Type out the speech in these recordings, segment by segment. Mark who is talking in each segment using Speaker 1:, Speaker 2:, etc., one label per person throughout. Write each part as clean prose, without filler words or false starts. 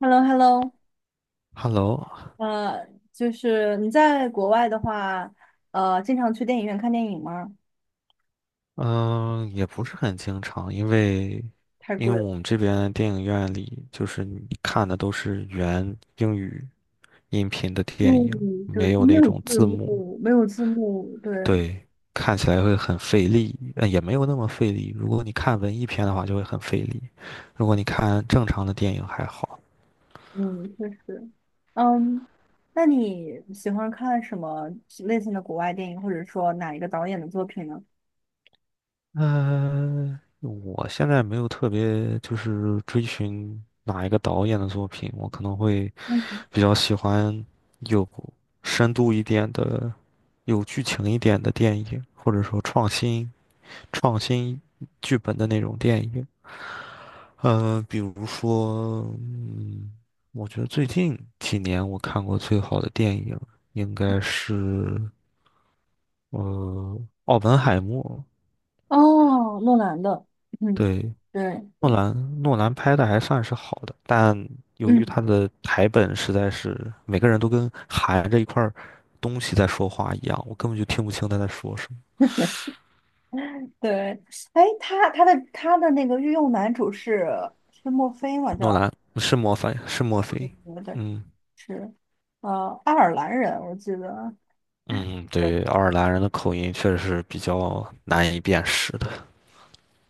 Speaker 1: Hello，Hello，
Speaker 2: Hello，
Speaker 1: 呃，就是你在国外的话，经常去电影院看电影吗？
Speaker 2: 嗯，也不是很经常，因为
Speaker 1: 太
Speaker 2: 因
Speaker 1: 贵
Speaker 2: 为
Speaker 1: 了。
Speaker 2: 我们这边电影院里，就是你看的都是原英语音频的电影，
Speaker 1: 嗯，
Speaker 2: 没
Speaker 1: 对，
Speaker 2: 有
Speaker 1: 没
Speaker 2: 那
Speaker 1: 有
Speaker 2: 种
Speaker 1: 字
Speaker 2: 字幕，
Speaker 1: 幕，没有字幕，对，
Speaker 2: 对，看起来会很费力，也没有那么费力。如果你看文艺片的话，就会很费力；如果你看正常的电影还好。
Speaker 1: 嗯，确实，嗯，那你喜欢看什么类型的国外电影，或者说哪一个导演的作品呢？
Speaker 2: 嗯，我现在没有特别就是追寻哪一个导演的作品，我可能会
Speaker 1: 嗯，
Speaker 2: 比较喜欢有深度一点的、有剧情一点的电影，或者说创新剧本的那种电影。比如说，我觉得最近几年我看过最好的电影应该是呃《奥本海默》，
Speaker 1: 哦，诺兰的，嗯，
Speaker 2: 对，
Speaker 1: 对，
Speaker 2: 诺
Speaker 1: 对
Speaker 2: 兰诺兰拍的还算是好的，但由于
Speaker 1: 嗯，
Speaker 2: 他的台本实在是每个人都跟含着一块儿东西在说话一样，我根本就听不清他在说什么。
Speaker 1: 对，哎，他的那个御用男主是墨菲嘛？
Speaker 2: 诺
Speaker 1: 叫。
Speaker 2: 兰是墨菲，是墨菲，
Speaker 1: 对。
Speaker 2: 嗯
Speaker 1: 是，爱尔兰人，我记得，
Speaker 2: 嗯，
Speaker 1: 对，
Speaker 2: 对，爱尔兰人的口音确实是比较难以辨识的。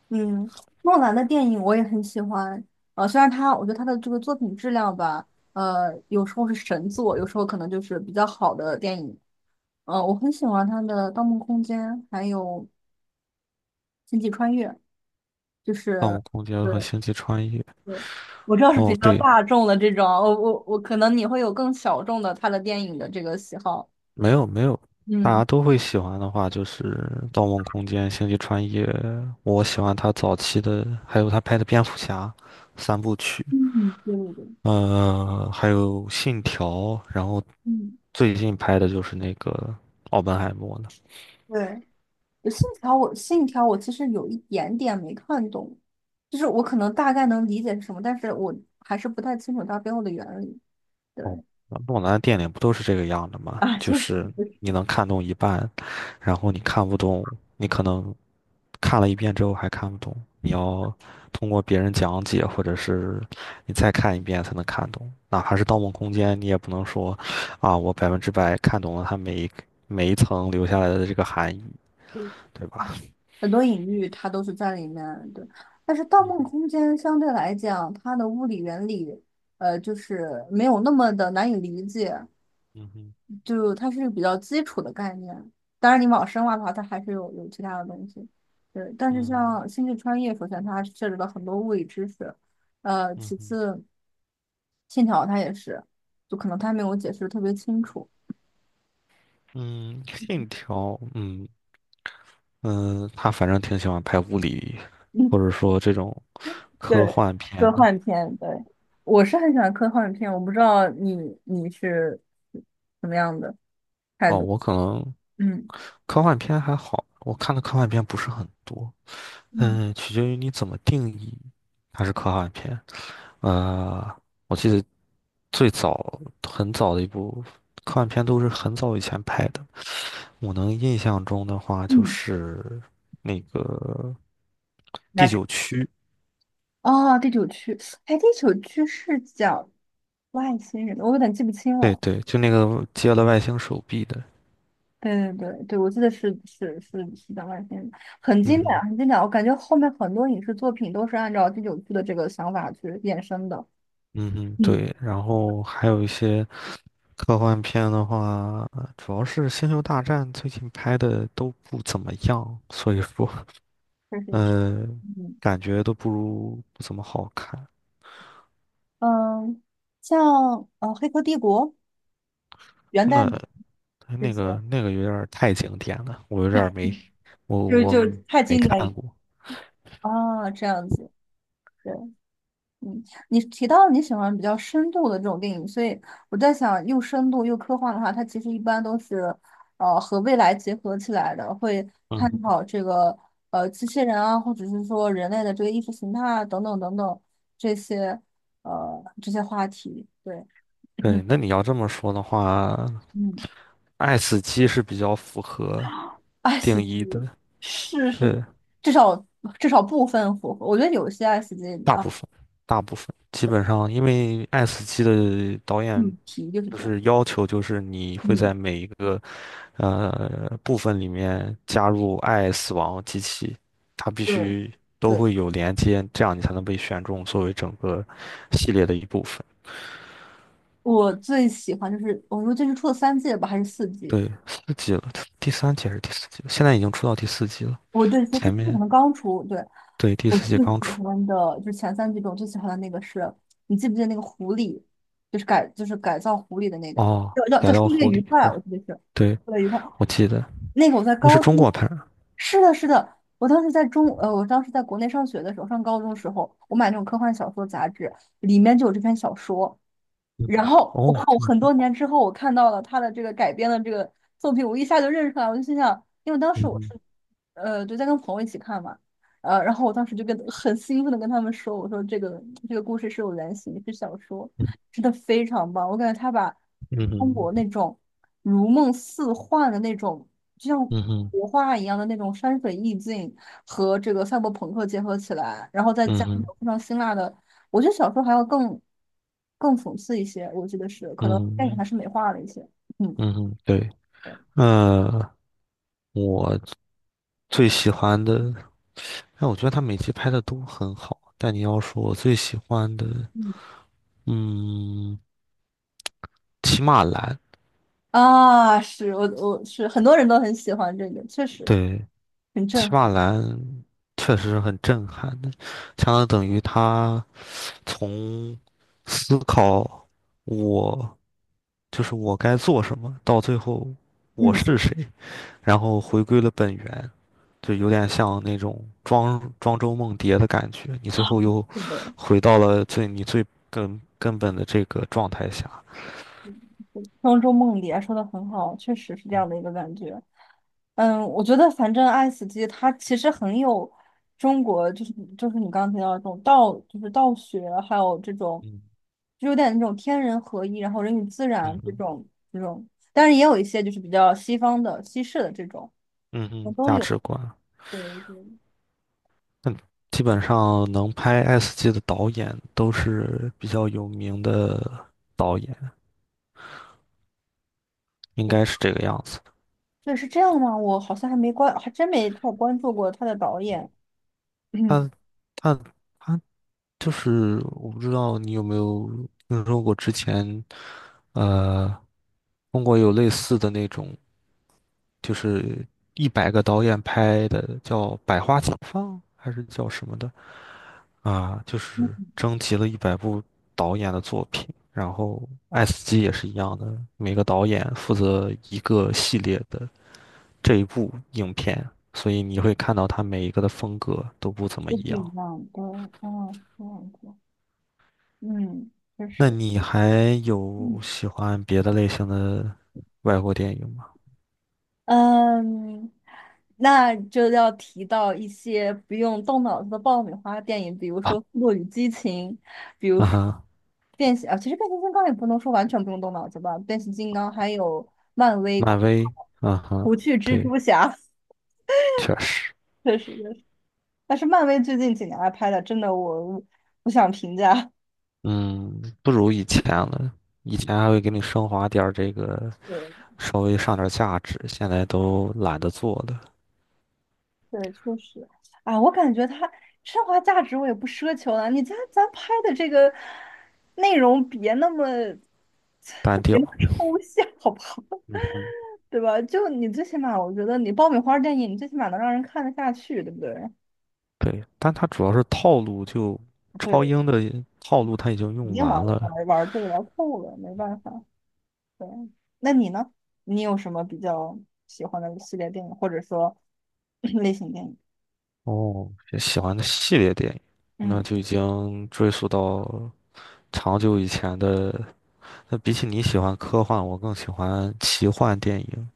Speaker 1: 嗯，诺兰的电影我也很喜欢，虽然他，我觉得他的这个作品质量吧，有时候是神作，有时候可能就是比较好的电影，我很喜欢他的《盗梦空间》，还有《星际穿越》，就
Speaker 2: 《盗
Speaker 1: 是，
Speaker 2: 梦空间》
Speaker 1: 对
Speaker 2: 和《星际穿越》，
Speaker 1: 对，我知道是
Speaker 2: 哦，
Speaker 1: 比较
Speaker 2: 对，
Speaker 1: 大众的这种，我可能你会有更小众的他的电影的这个喜好，
Speaker 2: 没有没有，大家
Speaker 1: 嗯
Speaker 2: 都会喜欢的话就是《盗梦空间》《星际穿越》，我喜欢他早期的，还有他拍的《蝙蝠侠》三部曲。
Speaker 1: 嗯，对对对，
Speaker 2: 还有《信条》，然后
Speaker 1: 嗯，
Speaker 2: 最近拍的就是那个《奥本海默》呢。
Speaker 1: 对。信条我其实有一点点没看懂，就是我可能大概能理解是什么，但是我还是不太清楚它背后的原理。对
Speaker 2: 哦，那诺兰的电影不都是这个样的吗？
Speaker 1: 啊，
Speaker 2: 就
Speaker 1: 就是
Speaker 2: 是你能看懂一半，然后你看不懂，你可能看了一遍之后还看不懂，你要通过别人讲解，或者是你再看一遍才能看懂。哪怕是《盗梦空间》，你也不能说啊，我100%看懂了它每一层留下来的这个含义，对吧？
Speaker 1: 很多隐喻它都是在里面。对，但是《盗梦
Speaker 2: 嗯，
Speaker 1: 空间》相对来讲，它的物理原理，就是没有那么的难以理解，
Speaker 2: 嗯哼，
Speaker 1: 就它是比较基础的概念。当然，你往深挖的话，它还是有其他的东西。对，但是
Speaker 2: 嗯。
Speaker 1: 像《星际穿越》，首先它涉及到很多物理知识，
Speaker 2: 嗯
Speaker 1: 其
Speaker 2: 哼，
Speaker 1: 次。信条它也是，就可能它没有解释特别清楚。
Speaker 2: 嗯，信条，嗯嗯，他反正挺喜欢拍物理，或
Speaker 1: 嗯，
Speaker 2: 者说这种科
Speaker 1: 对，
Speaker 2: 幻片
Speaker 1: 科
Speaker 2: 的。
Speaker 1: 幻片，对，我是很喜欢科幻片，我不知道你是什么样的态
Speaker 2: 哦，
Speaker 1: 度。
Speaker 2: 我可能
Speaker 1: 嗯
Speaker 2: 科幻片还好，我看的科幻片不是很多。
Speaker 1: 嗯
Speaker 2: 取决于你怎么定义它是科幻片。呃，我记得最早很早的一部科幻片都是很早以前拍的。我能印象中的话，就
Speaker 1: 嗯，
Speaker 2: 是那个
Speaker 1: 那
Speaker 2: 第
Speaker 1: 这
Speaker 2: 九区。
Speaker 1: 哦，第九区，哎，第九区是讲外星人的，我有点记不清
Speaker 2: 对
Speaker 1: 了。
Speaker 2: 对，就那个接了外星手臂的，
Speaker 1: 对对对对，我记得是讲外星人很
Speaker 2: 嗯
Speaker 1: 经典，
Speaker 2: 哼，
Speaker 1: 很经典。我感觉后面很多影视作品都是按照第九区的这个想法去衍生的。
Speaker 2: 嗯哼，
Speaker 1: 嗯，
Speaker 2: 对。然后还有一些科幻片的话，主要是《星球大战》最近拍的都不怎么样，所以说，
Speaker 1: 确实是
Speaker 2: 呃，
Speaker 1: 嗯。
Speaker 2: 感觉都不如不怎么好看。
Speaker 1: 嗯，像《黑客帝国》元代
Speaker 2: 那，
Speaker 1: 嘛
Speaker 2: 哎，
Speaker 1: 这
Speaker 2: 那
Speaker 1: 些
Speaker 2: 个那个有点儿太经典了，我有点儿没，我
Speaker 1: 就
Speaker 2: 我
Speaker 1: 就太
Speaker 2: 没
Speaker 1: 经典了
Speaker 2: 看过。
Speaker 1: 啊，这样子。对，嗯，你提到你喜欢比较深度的这种电影，所以我在想，又深度又科幻的话，它其实一般都是和未来结合起来的，会
Speaker 2: 嗯
Speaker 1: 探
Speaker 2: 哼，
Speaker 1: 讨这个机器人啊，或者是说人类的这个意识形态啊，等等等等这些这些话题。对，
Speaker 2: 对，那你要这么说的话，
Speaker 1: 嗯。
Speaker 2: 《爱死机》是比较符合
Speaker 1: s
Speaker 2: 定义
Speaker 1: 级
Speaker 2: 的。
Speaker 1: 是
Speaker 2: 对。
Speaker 1: 至少至少部分符合。我觉得有些 s 级
Speaker 2: 大
Speaker 1: 啊，
Speaker 2: 部分，大部分基本上，因为爱死机的导演
Speaker 1: 嗯，题就是
Speaker 2: 就
Speaker 1: 这样。
Speaker 2: 是要求，就是你会在
Speaker 1: 嗯，
Speaker 2: 每一个部分里面加入爱、死亡、机器，它必
Speaker 1: 对
Speaker 2: 须都
Speaker 1: 对，
Speaker 2: 会有连接，这样你才能被选中作为整个系列的一部分。
Speaker 1: 我最喜欢就是，我说这是出了三季了吧，还是四季？
Speaker 2: 对，四季了，第三季还是第四季了，现在已经出到第四季了，
Speaker 1: 我对，这
Speaker 2: 前
Speaker 1: 可
Speaker 2: 面，
Speaker 1: 能刚出。对，
Speaker 2: 对，第
Speaker 1: 我
Speaker 2: 四季
Speaker 1: 最
Speaker 2: 刚
Speaker 1: 喜
Speaker 2: 出，
Speaker 1: 欢的就是前三季中最喜欢的那个是，你记不记得那个狐狸，就是就是改造狐狸的那个，
Speaker 2: 哦，
Speaker 1: 叫叫
Speaker 2: 改
Speaker 1: 叫狩
Speaker 2: 造
Speaker 1: 猎
Speaker 2: 狐
Speaker 1: 愉
Speaker 2: 狸，
Speaker 1: 快，
Speaker 2: 我，
Speaker 1: 我记得是
Speaker 2: 对，
Speaker 1: 狩猎愉快。
Speaker 2: 我记得
Speaker 1: 那个我在
Speaker 2: 那是
Speaker 1: 高中，
Speaker 2: 中国拍的，
Speaker 1: 是的，是的，我当时在国内上学的时候，上高中的时候，我买那种科幻小说杂志，里面就有这篇小说，
Speaker 2: 嗯，
Speaker 1: 然后哇，
Speaker 2: 哦，
Speaker 1: 我
Speaker 2: 这么
Speaker 1: 很
Speaker 2: 好，
Speaker 1: 多年之后我看到了他的这个改编的这个作品，我一下就认出来，我就心想，因为当时我
Speaker 2: 嗯
Speaker 1: 是就在跟朋友一起看嘛，然后我当时就跟很兴奋的跟他们说，我说这个故事是有原型，是小说，
Speaker 2: 嗯。
Speaker 1: 真的非常棒，我感觉他把
Speaker 2: 嗯
Speaker 1: 中国
Speaker 2: 哼，
Speaker 1: 那种如梦似幻的那种，就像
Speaker 2: 嗯哼，
Speaker 1: 国画一样的那种山水意境和这个赛博朋克结合起来，然后再
Speaker 2: 嗯
Speaker 1: 加上
Speaker 2: 哼，
Speaker 1: 非常辛辣的。我觉得小说还要更讽刺一些，我记得是，可
Speaker 2: 嗯
Speaker 1: 能电影
Speaker 2: 哼，
Speaker 1: 还是美化了一些。嗯
Speaker 2: 嗯哼，对。呃，我最喜欢的，但我觉得他每集拍的都很好，但你要说我最喜欢的，
Speaker 1: 嗯
Speaker 2: 嗯，骑马兰，
Speaker 1: 啊，是我是很多人都很喜欢这个，确实
Speaker 2: 对，
Speaker 1: 很
Speaker 2: 骑
Speaker 1: 震
Speaker 2: 马
Speaker 1: 撼。
Speaker 2: 兰确实是很震撼的，相当等于他从思考我就是我该做什么，到最后我
Speaker 1: 嗯，
Speaker 2: 是谁，然后回归了本源。就有点像那种庄周梦蝶的感觉，你
Speaker 1: 啊，
Speaker 2: 最后又
Speaker 1: 是的。
Speaker 2: 回到了最你最根本的这个状态下，
Speaker 1: 庄周梦蝶说的很好，确实是这
Speaker 2: 嗯
Speaker 1: 样的一个感觉。嗯，我觉得反正爱死机它其实很有中国，就是你刚刚提到的这种道，就是道学，还有这种
Speaker 2: 嗯，
Speaker 1: 就有点那种天人合一，然后人与自
Speaker 2: 嗯
Speaker 1: 然这
Speaker 2: 嗯，
Speaker 1: 种这种，但是也有一些就是比较西方的西式的这种，
Speaker 2: 嗯
Speaker 1: 我
Speaker 2: 哼，
Speaker 1: 都
Speaker 2: 价
Speaker 1: 有。
Speaker 2: 值观。
Speaker 1: 对对
Speaker 2: 嗯，基本上能拍《S 级的导演都是比较有名的导演，应
Speaker 1: 对，
Speaker 2: 该是这个样子的。
Speaker 1: 对是这样吗？我好像还没关，还真没太关注过他的导演。
Speaker 2: 他他他就是我不知道你有没有听说过之前呃中国有类似的那种就是100个导演拍的，叫《百花齐放》还是叫什么的啊？就是
Speaker 1: 嗯，
Speaker 2: 征集了100部导演的作品，然后爱斯基》也是一样的，每个导演负责一个系列的这一部影片，所以你会看到他每一个的风格都不怎么
Speaker 1: 都
Speaker 2: 一
Speaker 1: 不一
Speaker 2: 样。
Speaker 1: 样，对，嗯，这样子。嗯，确
Speaker 2: 那
Speaker 1: 实，
Speaker 2: 你还有
Speaker 1: 嗯
Speaker 2: 喜欢别的类型的外国电影吗？
Speaker 1: 嗯，那就要提到一些不用动脑子的爆米花电影，比如
Speaker 2: 啊，
Speaker 1: 说《落雨激情》，比如
Speaker 2: 啊
Speaker 1: 说
Speaker 2: 哈，
Speaker 1: 变形啊，其实变形金刚也不能说完全不用动脑子吧，变形金刚还有漫威
Speaker 2: 漫
Speaker 1: 《哭
Speaker 2: 威，啊
Speaker 1: 不
Speaker 2: 哈，
Speaker 1: 去蜘
Speaker 2: 对，
Speaker 1: 蛛侠》，
Speaker 2: 确实。
Speaker 1: 确实，也是，但是漫威最近几年来拍的，真的我不想评价。
Speaker 2: 嗯，不如以前了。以前还会给你升华点儿这个，
Speaker 1: 对
Speaker 2: 稍微上点儿价值，现在都懒得做了，
Speaker 1: 对，确实，啊，我感觉它升华价值我也不奢求了。你咱拍的这个内容别那么
Speaker 2: 单
Speaker 1: 别那么
Speaker 2: 调。
Speaker 1: 抽象，好不好？
Speaker 2: 嗯哼，
Speaker 1: 对吧？就你最起码，我觉得你爆米花电影，你最起码能让人看得下去，对不对？
Speaker 2: 对，但它主要是套路就，超
Speaker 1: 对，
Speaker 2: 英的套路它已经
Speaker 1: 已
Speaker 2: 用
Speaker 1: 经玩
Speaker 2: 完
Speaker 1: 儿
Speaker 2: 了。
Speaker 1: 玩玩这个玩透了，没办法。对，那你呢？你有什么比较喜欢的系列电影，或者说 类型电影？
Speaker 2: 哦，也喜欢的系列电影，
Speaker 1: 嗯，
Speaker 2: 那
Speaker 1: 《哈
Speaker 2: 就已经追溯到长久以前的。那比起你喜欢科幻，我更喜欢奇幻电影，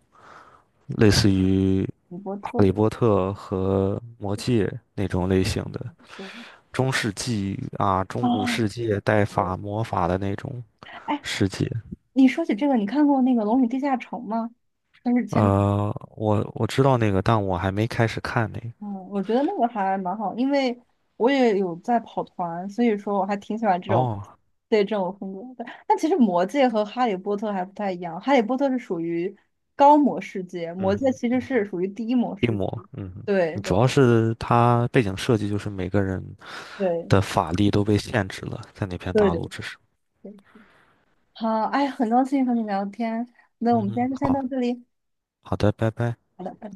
Speaker 2: 类似于
Speaker 1: 利波
Speaker 2: 《哈
Speaker 1: 特》
Speaker 2: 利波特》和《魔戒》那种类型的。
Speaker 1: 对
Speaker 2: 中世纪啊、中古世
Speaker 1: 啊。
Speaker 2: 界带
Speaker 1: 对
Speaker 2: 法魔法的那种
Speaker 1: 哎，
Speaker 2: 世界。
Speaker 1: 你说起这个，你看过那个《龙与地下城》吗？但是前几，
Speaker 2: 呃，我知道那个，但我还没开始看那个。
Speaker 1: 嗯，我觉得那个还蛮好，因为我也有在跑团，所以说我还挺喜欢这种，
Speaker 2: 哦，
Speaker 1: 对这种风格的。但其实《魔戒》和《哈利波特》还不太一样，《哈利波特》是属于高模世界，
Speaker 2: 嗯
Speaker 1: 《魔戒》
Speaker 2: 哼，
Speaker 1: 其实是属于低模
Speaker 2: 病
Speaker 1: 世界。
Speaker 2: 魔，嗯
Speaker 1: 对
Speaker 2: 哼，
Speaker 1: 对
Speaker 2: 主要是它背景设计就是每个人
Speaker 1: 对
Speaker 2: 的法力都被限制了，在那片
Speaker 1: 对
Speaker 2: 大陆
Speaker 1: 对
Speaker 2: 之上。
Speaker 1: 对，好，哎，很高兴和你聊天，那我
Speaker 2: 嗯
Speaker 1: 们今
Speaker 2: 哼，
Speaker 1: 天就先到
Speaker 2: 好，
Speaker 1: 这里，
Speaker 2: 好的，拜拜。
Speaker 1: 好的，拜拜。